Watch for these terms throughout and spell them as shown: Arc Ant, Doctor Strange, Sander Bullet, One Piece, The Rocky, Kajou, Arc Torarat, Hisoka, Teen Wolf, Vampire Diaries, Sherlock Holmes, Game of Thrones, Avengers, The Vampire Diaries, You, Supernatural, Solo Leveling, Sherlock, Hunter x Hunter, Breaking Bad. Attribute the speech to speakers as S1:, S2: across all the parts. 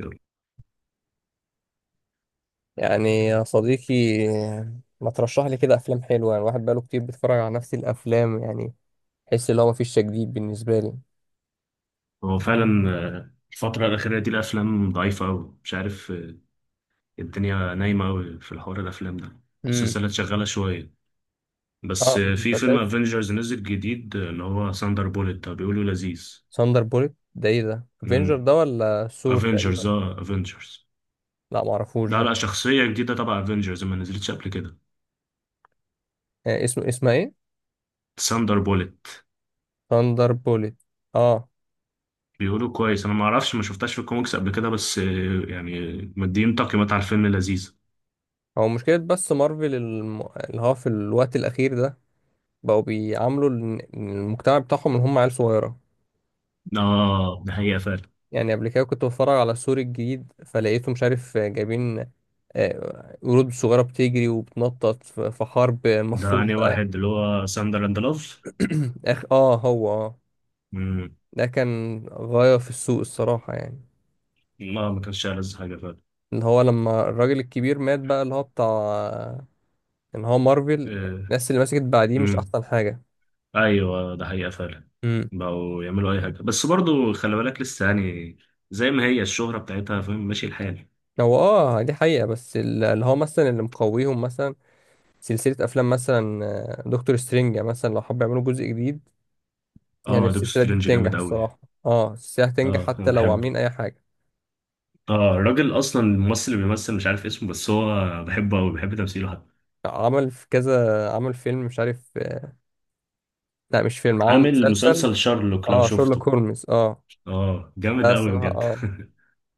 S1: يلا.
S2: يعني يا صديقي ما ترشح لي كده افلام حلوه يعني الواحد بقاله كتير بيتفرج على نفس الافلام يعني. حس ان هو مفيش تجديد بالنسبه لي.
S1: هو فعلا. الفترة الأخيرة دي الأفلام ضعيفة أوي، مش عارف. الدنيا نايمة أوي في الحوار الأفلام ده.
S2: امم.
S1: السلسلة شغالة شوية، بس
S2: اه،
S1: في فيلم
S2: مسلسل
S1: أفينجرز نزل جديد، اللي هو ساندر بوليت ده بيقولوا لذيذ.
S2: ساندر بوليت ده ايه ده؟ افنجر ده ولا ثور
S1: أفينجرز،
S2: تقريبا؟
S1: اه أفينجرز.
S2: لا معرفوش
S1: ده
S2: ده.
S1: على شخصية جديدة تبع أفينجرز ما نزلتش قبل كده.
S2: آه، اسمها ايه؟
S1: ساندر بوليت
S2: ساندر بوليت. اه،
S1: بيقولوا كويس، أنا ما أعرفش، ما شفتهاش في الكوميكس قبل كده، بس يعني مدين تقييمات على الفيلم لذيذ.
S2: هو مشكله بس مارفل اللي هو في الوقت الاخير ده بقوا بيعاملوا المجتمع بتاعهم ان هم عيال صغيره.
S1: اه ده حقيقة فعلا.
S2: يعني قبل كده كنت بتفرج على السور الجديد فلقيته مش عارف جايبين قرود صغيرة بتجري وبتنطط في حرب
S1: ده
S2: المفروض
S1: أنهي
S2: بقى.
S1: واحد، اللي هو ساندر أند لوف.
S2: آخ، هو،
S1: امم.
S2: ده كان غاية في السوق الصراحة يعني.
S1: ما كانش ألذ حاجة فعلا.
S2: اللي هو لما الراجل الكبير مات بقى اللي هو بتاع ان هو مارفل.
S1: آه.
S2: الناس اللي مسكت بعديه مش
S1: امم.
S2: احسن حاجة.
S1: ايوه ده حقيقة فعلا.
S2: امم.
S1: بقوا يعملوا اي حاجة، بس برضو خلي بالك لسه يعني زي ما هي الشهرة بتاعتها، فاهم ماشي الحال.
S2: هو اه دي حقيقة، بس اللي هو مثلا اللي مقويهم مثلا سلسلة افلام مثلا، دكتور سترينج مثلا لو حب يعملوا جزء جديد. يعني
S1: اه دكتور
S2: السلسلة دي
S1: سترينج
S2: بتنجح
S1: جامد قوي.
S2: الصراحة. اه السلسلة هتنجح
S1: اه
S2: حتى
S1: انا
S2: لو
S1: بحبه.
S2: عاملين أي حاجة.
S1: اه الراجل اصلا الممثل اللي بيمثل مش عارف اسمه، بس هو بحبه قوي، بحب تمثيله حتى.
S2: عمل في كذا، عمل فيلم مش عارف. لا مش فيلم، عمل
S1: عامل
S2: مسلسل.
S1: مسلسل شارلوك لو
S2: اه شيرلوك
S1: شفته.
S2: هولمز، اه.
S1: اه جامد
S2: ده
S1: قوي
S2: الصراحة
S1: بجد.
S2: اه،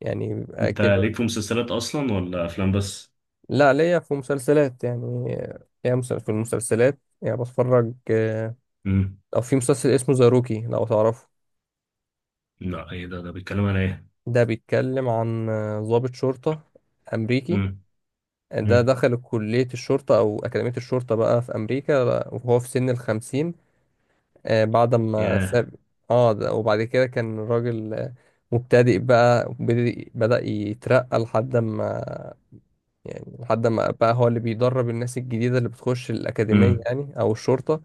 S2: يعني بيبقى
S1: انت
S2: كده.
S1: ليك في مسلسلات اصلا ولا افلام بس؟
S2: لا، ليا في مسلسلات يعني، ليا في المسلسلات يعني بتفرج،
S1: امم.
S2: أو في مسلسل اسمه ذا روكي لو تعرفه.
S1: لا ايه ده؟ ده بيتكلم عن ايه؟
S2: ده بيتكلم عن ضابط شرطة أمريكي.
S1: امم.
S2: ده
S1: امم.
S2: دخل كلية الشرطة أو أكاديمية الشرطة بقى في أمريكا، وهو في سن الخمسين، بعد ما
S1: ياه.
S2: ساب. اه ده، وبعد كده كان الراجل، مبتدئ بقى، وبدأ- بدأ يترقى لحد ما. يعني لحد ما بقى هو اللي بيدرب الناس الجديدة اللي بتخش الأكاديمية
S1: امم.
S2: يعني، أو الشرطة.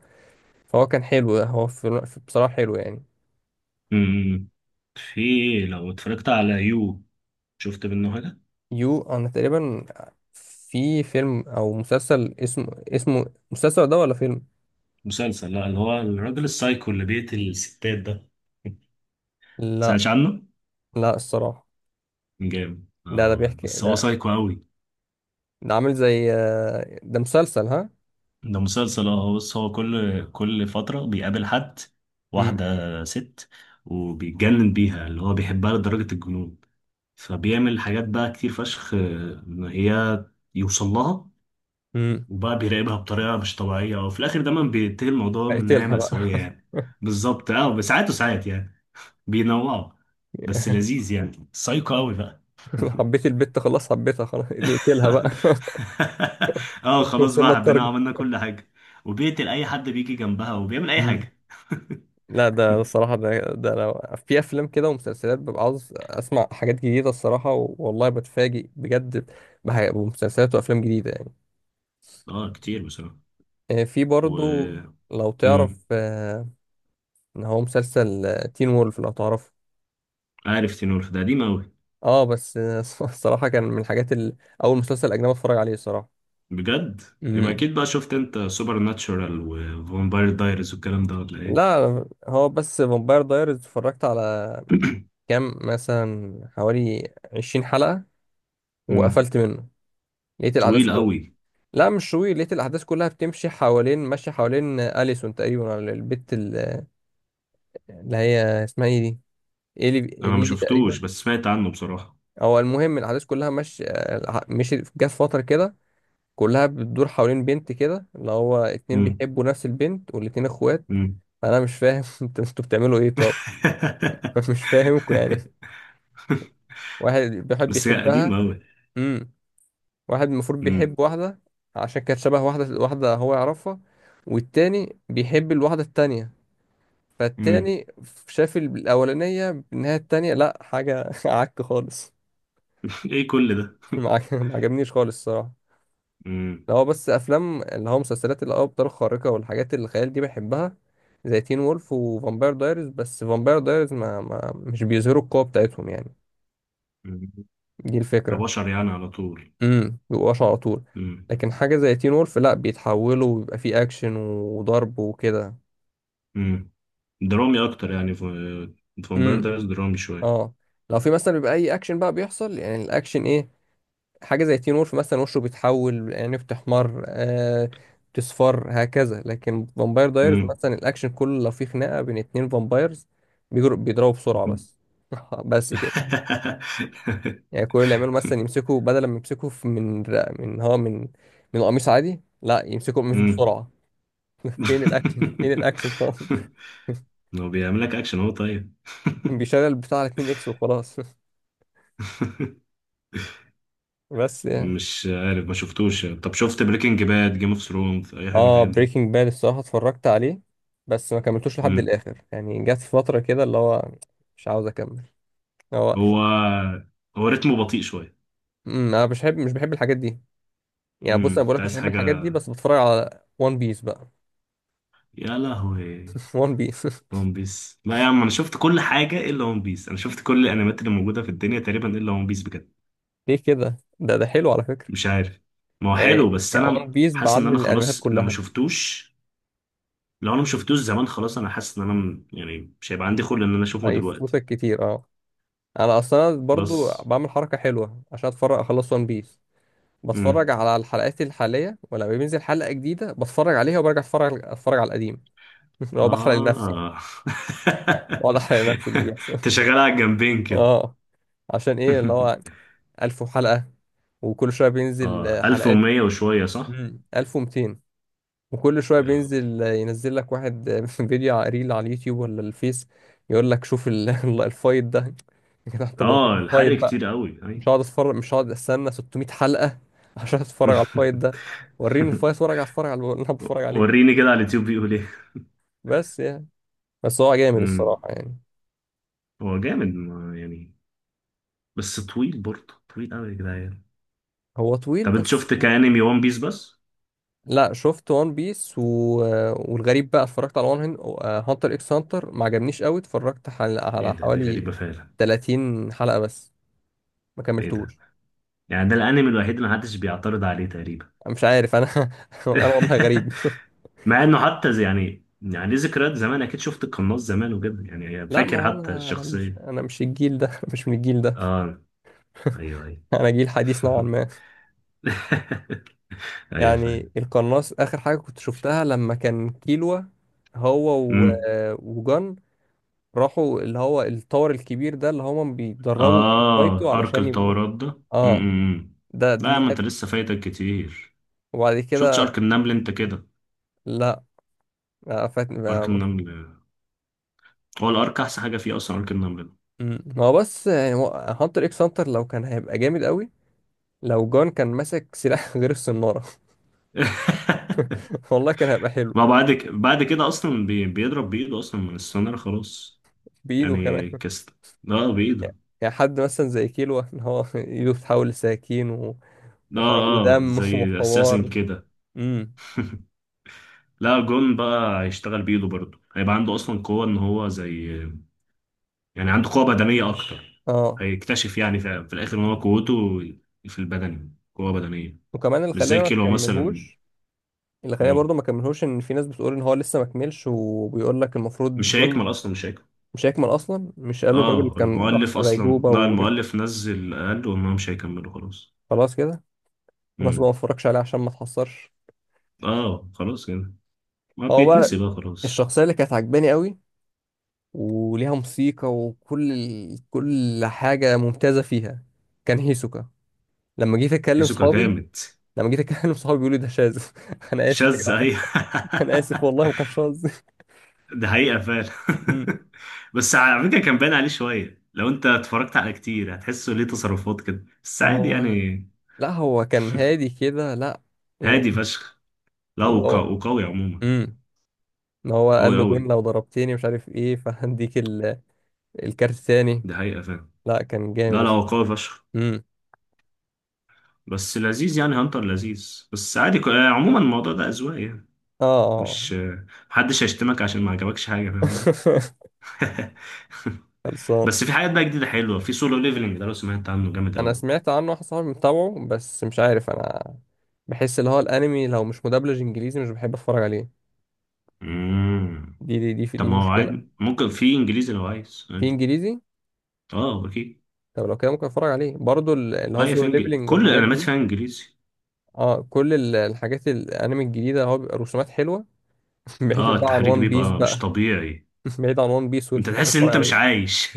S2: فهو كان حلو، هو بصراحة حلو يعني.
S1: امم. في، لو اتفرجت على يو، شفت منه حاجة؟
S2: يو، أنا تقريبا في فيلم أو مسلسل اسمه مسلسل ده ولا فيلم؟
S1: مسلسل. لا اللي هو الراجل السايكو اللي بيقتل الستات ده.
S2: لا.
S1: سمعتش عنه؟
S2: لا الصراحة.
S1: جامد
S2: ده
S1: اه،
S2: بيحكي
S1: بس هو
S2: ده.
S1: سايكو قوي.
S2: عامل زي، ده مسلسل، ها؟
S1: ده مسلسل اه. بص هو كل فترة بيقابل حد،
S2: امم.
S1: واحدة، ست، وبيتجنن بيها، اللي هو بيحبها لدرجة الجنون، فبيعمل حاجات بقى كتير فشخ ان هي يوصل لها.
S2: امم.
S1: وبقى بيراقبها بطريقة مش طبيعية، وفي الآخر دايما بينتهي الموضوع من نهاية
S2: قتلها بقى.
S1: مأساوية يعني. بالظبط اه، بس ساعات وساعات يعني بينوعوا. بس لذيذ يعني، سايكو قوي بقى.
S2: حبيت البت، خلاص، حبيتها خلاص، نقتلها بقى.
S1: اه خلاص بقى،
S2: وصلنا
S1: حبينا،
S2: التارجت.
S1: عملنا كل حاجة. وبيقتل أي حد بيجي جنبها، وبيعمل أي
S2: مم.
S1: حاجة.
S2: لا ده الصراحة ده لو في أفلام كده ومسلسلات ببقى عاوز أسمع حاجات جديدة الصراحة، والله بتفاجئ بجد بمسلسلات وأفلام جديدة يعني.
S1: اه كتير بصراحة.
S2: في برضو
S1: و
S2: لو
S1: مم.
S2: تعرف إن هو مسلسل تين وولف لو تعرفه.
S1: عارف تينور ده قديم أوي؟
S2: اه بس الصراحة كان من الحاجات أول مسلسل أجنبي أتفرج عليه الصراحة.
S1: بجد؟ يبقى
S2: امم.
S1: أكيد بقى شفت أنت سوبر ناتشورال وفامباير دايرز والكلام ده، ولا إيه؟
S2: لا، هو بس فامباير دايرز اتفرجت على كام مثلا، حوالي 20 حلقة
S1: مم.
S2: وقفلت منه. لقيت الأحداث
S1: طويل
S2: كلها.
S1: أوي.
S2: لا مش طويل، لقيت الأحداث كلها بتمشي حوالين، ماشية حوالين أليسون تقريبا على البت اللي هي اسمها ايه دي؟ إيلي.
S1: انا ما
S2: إيليبي
S1: شفتوش،
S2: تقريبا.
S1: بس سمعت عنه بصراحة.
S2: أو المهم الأحداث كلها مش، جت فترة كده كلها بتدور حوالين بنت كده اللي هو اتنين
S1: امم.
S2: بيحبوا نفس البنت والاتنين اخوات.
S1: امم.
S2: أنا مش فاهم، انتوا بتعملوا ايه طب؟ مش فاهمكوا يعني. واحد بيحب
S1: بس هي
S2: يحبها،
S1: قديمة أوي.
S2: واحد المفروض
S1: امم.
S2: بيحب واحدة عشان كانت شبه واحدة، واحدة هو يعرفها والتاني بيحب الواحدة التانية.
S1: امم.
S2: فالتاني شاف الأولانية إنها التانية، لأ حاجة عك خالص.
S1: ايه كل ده؟
S2: ما عجبنيش خالص الصراحة.
S1: امم.
S2: اللي هو بس أفلام، اللي هو مسلسلات، اللي هو أبطال خارقة والحاجات اللي الخيال دي بحبها، زي تين وولف وفامباير دايريز. بس فامباير دايريز ما مش بيظهروا القوة بتاعتهم يعني.
S1: أمم.
S2: دي الفكرة.
S1: كبشر يعني على طول.
S2: بيبقوش على طول.
S1: امم.
S2: لكن حاجة زي تين وولف لا، بيتحولوا وبيبقى فيه أكشن وضرب وكده.
S1: امم. درامي اكتر يعني، فامباير
S2: امم
S1: دايرز درامي شوية.
S2: اه، لو في مثلا بيبقى أي أكشن بقى بيحصل، يعني الأكشن إيه؟ حاجة زي تين وولف مثلا وشه بيتحول، يعني بتحمر، آه، بتصفر هكذا. لكن فامباير دايرز
S1: امم.
S2: مثلا الأكشن كله لو في خناقة بين اتنين فامبايرز بيجروا بيضربوا بسرعة
S1: امم.
S2: بس. بس كده. يعني كل اللي يعملوا مثلا يمسكوا، بدل ما يمسكوا من، من هو من من قميص عادي، لا يمسكوا القميص بسرعة. فين الاكشن؟ فين الاكشن طبعا.
S1: هو بيعمل لك اكشن هو؟ طيب.
S2: بيشغل البتاع على 2 اكس وخلاص. بس يعني.
S1: مش عارف، ما شفتوش. طب شفت بريكنج باد، جيم اوف ثرونز، اي حاجه من
S2: اه
S1: الحاجات؟
S2: بريكنج باد الصراحه اتفرجت عليه بس ما كملتوش لحد
S1: مم.
S2: الاخر، يعني جت في فتره كده اللي هو مش عاوز اكمل. هو.
S1: هو، هو رتمه بطيء شوية.
S2: أمم، انا مش بحب، الحاجات دي. يعني بص انا
S1: انت
S2: بقولك مش
S1: عايز
S2: بحب
S1: حاجة.
S2: الحاجات دي، بس بتفرج على وان بيس بقى.
S1: يا لهوي.
S2: وان بيس.
S1: ون بيس؟ لا يا عم انا شفت كل حاجة الا ون بيس، انا شفت كل الانميات اللي موجودة في الدنيا تقريبا الا ون بيس بجد.
S2: ليه كده؟ ده حلو على فكره.
S1: مش عارف. ما هو حلو،
S2: يعني
S1: بس
S2: يعني
S1: انا
S2: وان بيس
S1: حاسس
S2: بعدد
S1: ان انا
S2: من الانميات
S1: خلاص، لو ما
S2: كلها.
S1: شفتوش، لو انا ما شفتوش زمان خلاص، انا حاسس ان انا يعني مش هيبقى عندي خلق ان انا اشوفه دلوقتي.
S2: هيفوتك كتير، اه. انا اصلا
S1: بس.
S2: برضو بعمل حركه حلوه عشان اتفرج اخلص وان بيس.
S1: امم.
S2: بتفرج على الحلقات الحالية ولما بينزل حلقة جديدة بتفرج عليها، وبرجع اتفرج على القديم. لو بحرق لنفسي.
S1: اه.
S2: بقعد احرق لنفسي اللي بيحصل.
S1: انت شغال على الجنبين كده.
S2: اه. عشان ايه اللي هو 1000 حلقة، وكل شوية بينزل
S1: اه
S2: حلقات.
S1: 1100 وشوية صح.
S2: 1200. وكل شوية
S1: يا لهوي.
S2: بينزل ينزل لك واحد، فيديو ريل على اليوتيوب ولا الفيس، يقول لك شوف الفايت ده. يا جدع، طب وريني
S1: اه
S2: الفايت
S1: الحر
S2: بقى.
S1: كتير قوي اي.
S2: مش هقعد اتفرج، مش هقعد استنى 600 حلقة عشان اتفرج على الفايت ده. وريني الفايت وارجع اتفرج على اللي انا بتفرج عليه.
S1: وريني كده على اليوتيوب بيقول ايه.
S2: بس يعني. بس هو جامد
S1: امم.
S2: الصراحة يعني.
S1: هو جامد ما يعني. بس طويل برضه، طويل قوي يا جدعان.
S2: هو طويل
S1: طب انت
S2: بس.
S1: شفت كانمي ون بيس بس؟
S2: لا شفت وان بيس والغريب بقى، اتفرجت على هانتر اكس هانتر، ما عجبنيش قوي، اتفرجت
S1: ايه
S2: على
S1: ده؟ دي
S2: حوالي
S1: غريبة فعلا.
S2: 30 حلقة بس، ما
S1: ده ايه ده؟
S2: كملتوش.
S1: يعني ده الانمي الوحيد اللي محدش بيعترض عليه تقريبا.
S2: أنا مش عارف، انا انا والله غريب.
S1: مع انه حتى يعني، يعني ليه ذكريات زمان، اكيد شفت القناص زمان وكده يعني،
S2: لا، ما
S1: فاكر
S2: هو
S1: حتى
S2: انا، انا مش
S1: الشخصية.
S2: انا مش الجيل ده. مش من الجيل ده.
S1: اه. ايوه ايوه.
S2: انا جيل حديث نوعا ما.
S1: ايوه فعلا.
S2: يعني القناص اخر حاجة كنت شفتها لما كان كيلوا، هو و... وجان راحوا اللي هو الطور الكبير ده اللي هما بيتدربوا
S1: اه
S2: بيفايتوا
S1: ارك
S2: علشان يبقوا.
S1: التورات ده.
S2: اه
S1: امم.
S2: ده،
S1: لا
S2: دي
S1: ما انت
S2: حته.
S1: لسه فايتك كتير.
S2: وبعد
S1: شفتش ارك
S2: كده
S1: النمل انت كده؟
S2: لا، فاتني بقى.
S1: ارك النمل هو الارك احسن حاجه فيه اصلا، ارك النمل ده.
S2: مم. هو بس يعني هانتر اكس هانتر لو كان هيبقى جامد قوي لو جون كان ماسك سلاح غير الصنارة. والله كان هيبقى حلو.
S1: ما بعد ك... بعد كده اصلا بي... بيضرب بايده اصلا من السونار خلاص.
S2: بإيده
S1: يعني
S2: كمان.
S1: كست. اه بايده.
S2: يعني يعني حد مثلا زي كيلو ان هو ايده بتتحول لسكاكين
S1: اه.
S2: وحرق
S1: اه
S2: ودم،
S1: زي اساسن
S2: وحوار.
S1: كده.
S2: امم.
S1: لا جون بقى هيشتغل بايده برضه، هيبقى عنده اصلا قوه ان هو زي، يعني عنده قوة بدنية أكتر.
S2: اه.
S1: هيكتشف يعني في الآخر إن هو قوته في البدن، قوة بدنية.
S2: وكمان اللي
S1: مش زي
S2: خلينا ما
S1: كيلو مثلا.
S2: نكملهوش، اللي خلاني
S1: مم.
S2: برضو ما كملهوش، ان في ناس بتقول ان هو لسه ما كملش وبيقول لك المفروض
S1: مش
S2: جون
S1: هيكمل أصلا، مش هيكمل.
S2: مش هيكمل اصلا. مش قالوا الراجل
S1: آه
S2: كان راح
S1: المؤلف
S2: في
S1: أصلا،
S2: غيبوبه
S1: لا
S2: ورجع؟
S1: المؤلف نزل قال وإن هو مش هيكمله خلاص.
S2: خلاص كده. والناس بقى ما
S1: مم.
S2: اتفرجش عليه عشان ما اتحصرش.
S1: آه خلاص كده. ما
S2: هو بقى
S1: بيتنسي بقى خلاص.
S2: الشخصيه اللي كانت عجباني قوي وليها موسيقى وكل ال... كل حاجه ممتازه فيها، كان هيسوكا. لما جيت اتكلم
S1: هيزوكا
S2: صحابي
S1: جامد.
S2: لما جيت اتكلم صحابي بيقولوا ده شاذ. انا اسف يا
S1: شاذ
S2: جدعان.
S1: أي؟
S2: انا اسف والله ما كانش قصدي.
S1: ده حقيقة فعلا.
S2: مم.
S1: بس على فكرة كان باين عليه شوية، لو أنت اتفرجت على كتير هتحسه ليه تصرفات كده، بس عادي
S2: هو،
S1: يعني.
S2: لا هو كان هادي كده، لا و-
S1: هادي فشخ. لا
S2: واللي هو،
S1: وقوي عموما.
S2: امم، ان هو
S1: قوي
S2: قال له
S1: قوي.
S2: جون لو ضربتني مش عارف ايه فهديك الكارت تاني.
S1: دي حقيقة فعلا.
S2: لا كان جامد
S1: لا لا هو
S2: اصلا.
S1: قوي فشخ.
S2: امم.
S1: بس لذيذ يعني، هانتر لذيذ، بس عادي عموما الموضوع ده أذواق يعني.
S2: اه. اه.
S1: مش محدش هيشتمك عشان ما عجبكش حاجة، فاهم قصدي؟
S2: خلصان.
S1: بس في حاجات بقى جديدة حلوة، في سولو ليفلنج ده لو سمعت عنه جامد
S2: انا
S1: قوي.
S2: سمعت عنه، واحد صاحبي متابعه، بس مش عارف انا بحس اللي هو الانمي لو مش مدبلج انجليزي مش بحب اتفرج عليه.
S1: امم.
S2: دي في
S1: طب
S2: دي
S1: ما هو
S2: مشكله.
S1: عادي، ممكن في انجليزي لو عايز
S2: في
S1: عادي.
S2: انجليزي.
S1: اه اكيد.
S2: طب لو كده ممكن اتفرج عليه برضو اللي هو
S1: اي،
S2: سولو
S1: في انجليزي
S2: ليبلينج
S1: كل
S2: والحاجات
S1: الانميات
S2: دي.
S1: فيها انجليزي.
S2: اه كل الحاجات، الانمي الجديده هو بيبقى رسومات حلوه. بعيد
S1: اه
S2: بقى عن
S1: التحريك
S2: وان بيس
S1: بيبقى مش
S2: بقى.
S1: طبيعي.
S2: بعيد عن وان بيس واللي
S1: انت
S2: أنا
S1: تحس ان
S2: بتفرج
S1: انت مش
S2: عليه.
S1: عايش.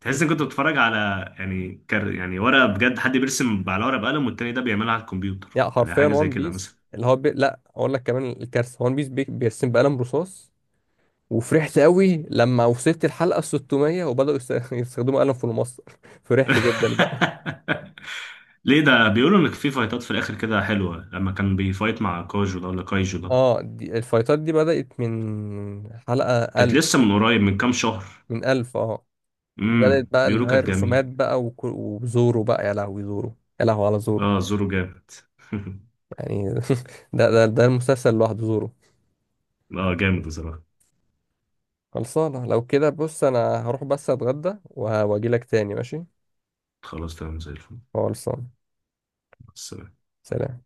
S1: تحس انك كنت بتتفرج على، يعني كر، يعني ورقه بجد، حد بيرسم على ورقه بقلم، والتاني ده بيعملها على الكمبيوتر
S2: يعني
S1: زي
S2: حرفيا
S1: حاجه زي
S2: وان
S1: كده
S2: بيس
S1: مثلا.
S2: اللي هو لا اقول لك كمان الكارثه، وان بيس بيرسم بقلم رصاص. وفرحت قوي لما وصلت الحلقه 600 يستخدموا قلم في المصدر. فرحت جدا بقى.
S1: ليه ده؟ بيقولوا ان في فايتات في الاخر كده حلوه، لما كان بيفايت مع كاجو ده ولا كايجو ده.
S2: اه الفايتات دي بدات من حلقه
S1: كانت
S2: 1000،
S1: لسه من قريب من كام شهر.
S2: من 1000 اه. بدات بقى اللي
S1: بيقولوا
S2: هي
S1: كانت
S2: الرسومات
S1: جميله.
S2: بقى وك... وزورو بقى. يا لهوي زورو، يا لهوي على زورو.
S1: اه زورو جامد.
S2: يعني ده المسلسل لوحده زورو.
S1: اه جامد بصراحه.
S2: خلصانه، لو كده بص انا هروح بس اتغدى وهاجي لك تاني، ماشي.
S1: خلاص تمام زي الفل.
S2: خلصانه.
S1: بس
S2: سلام.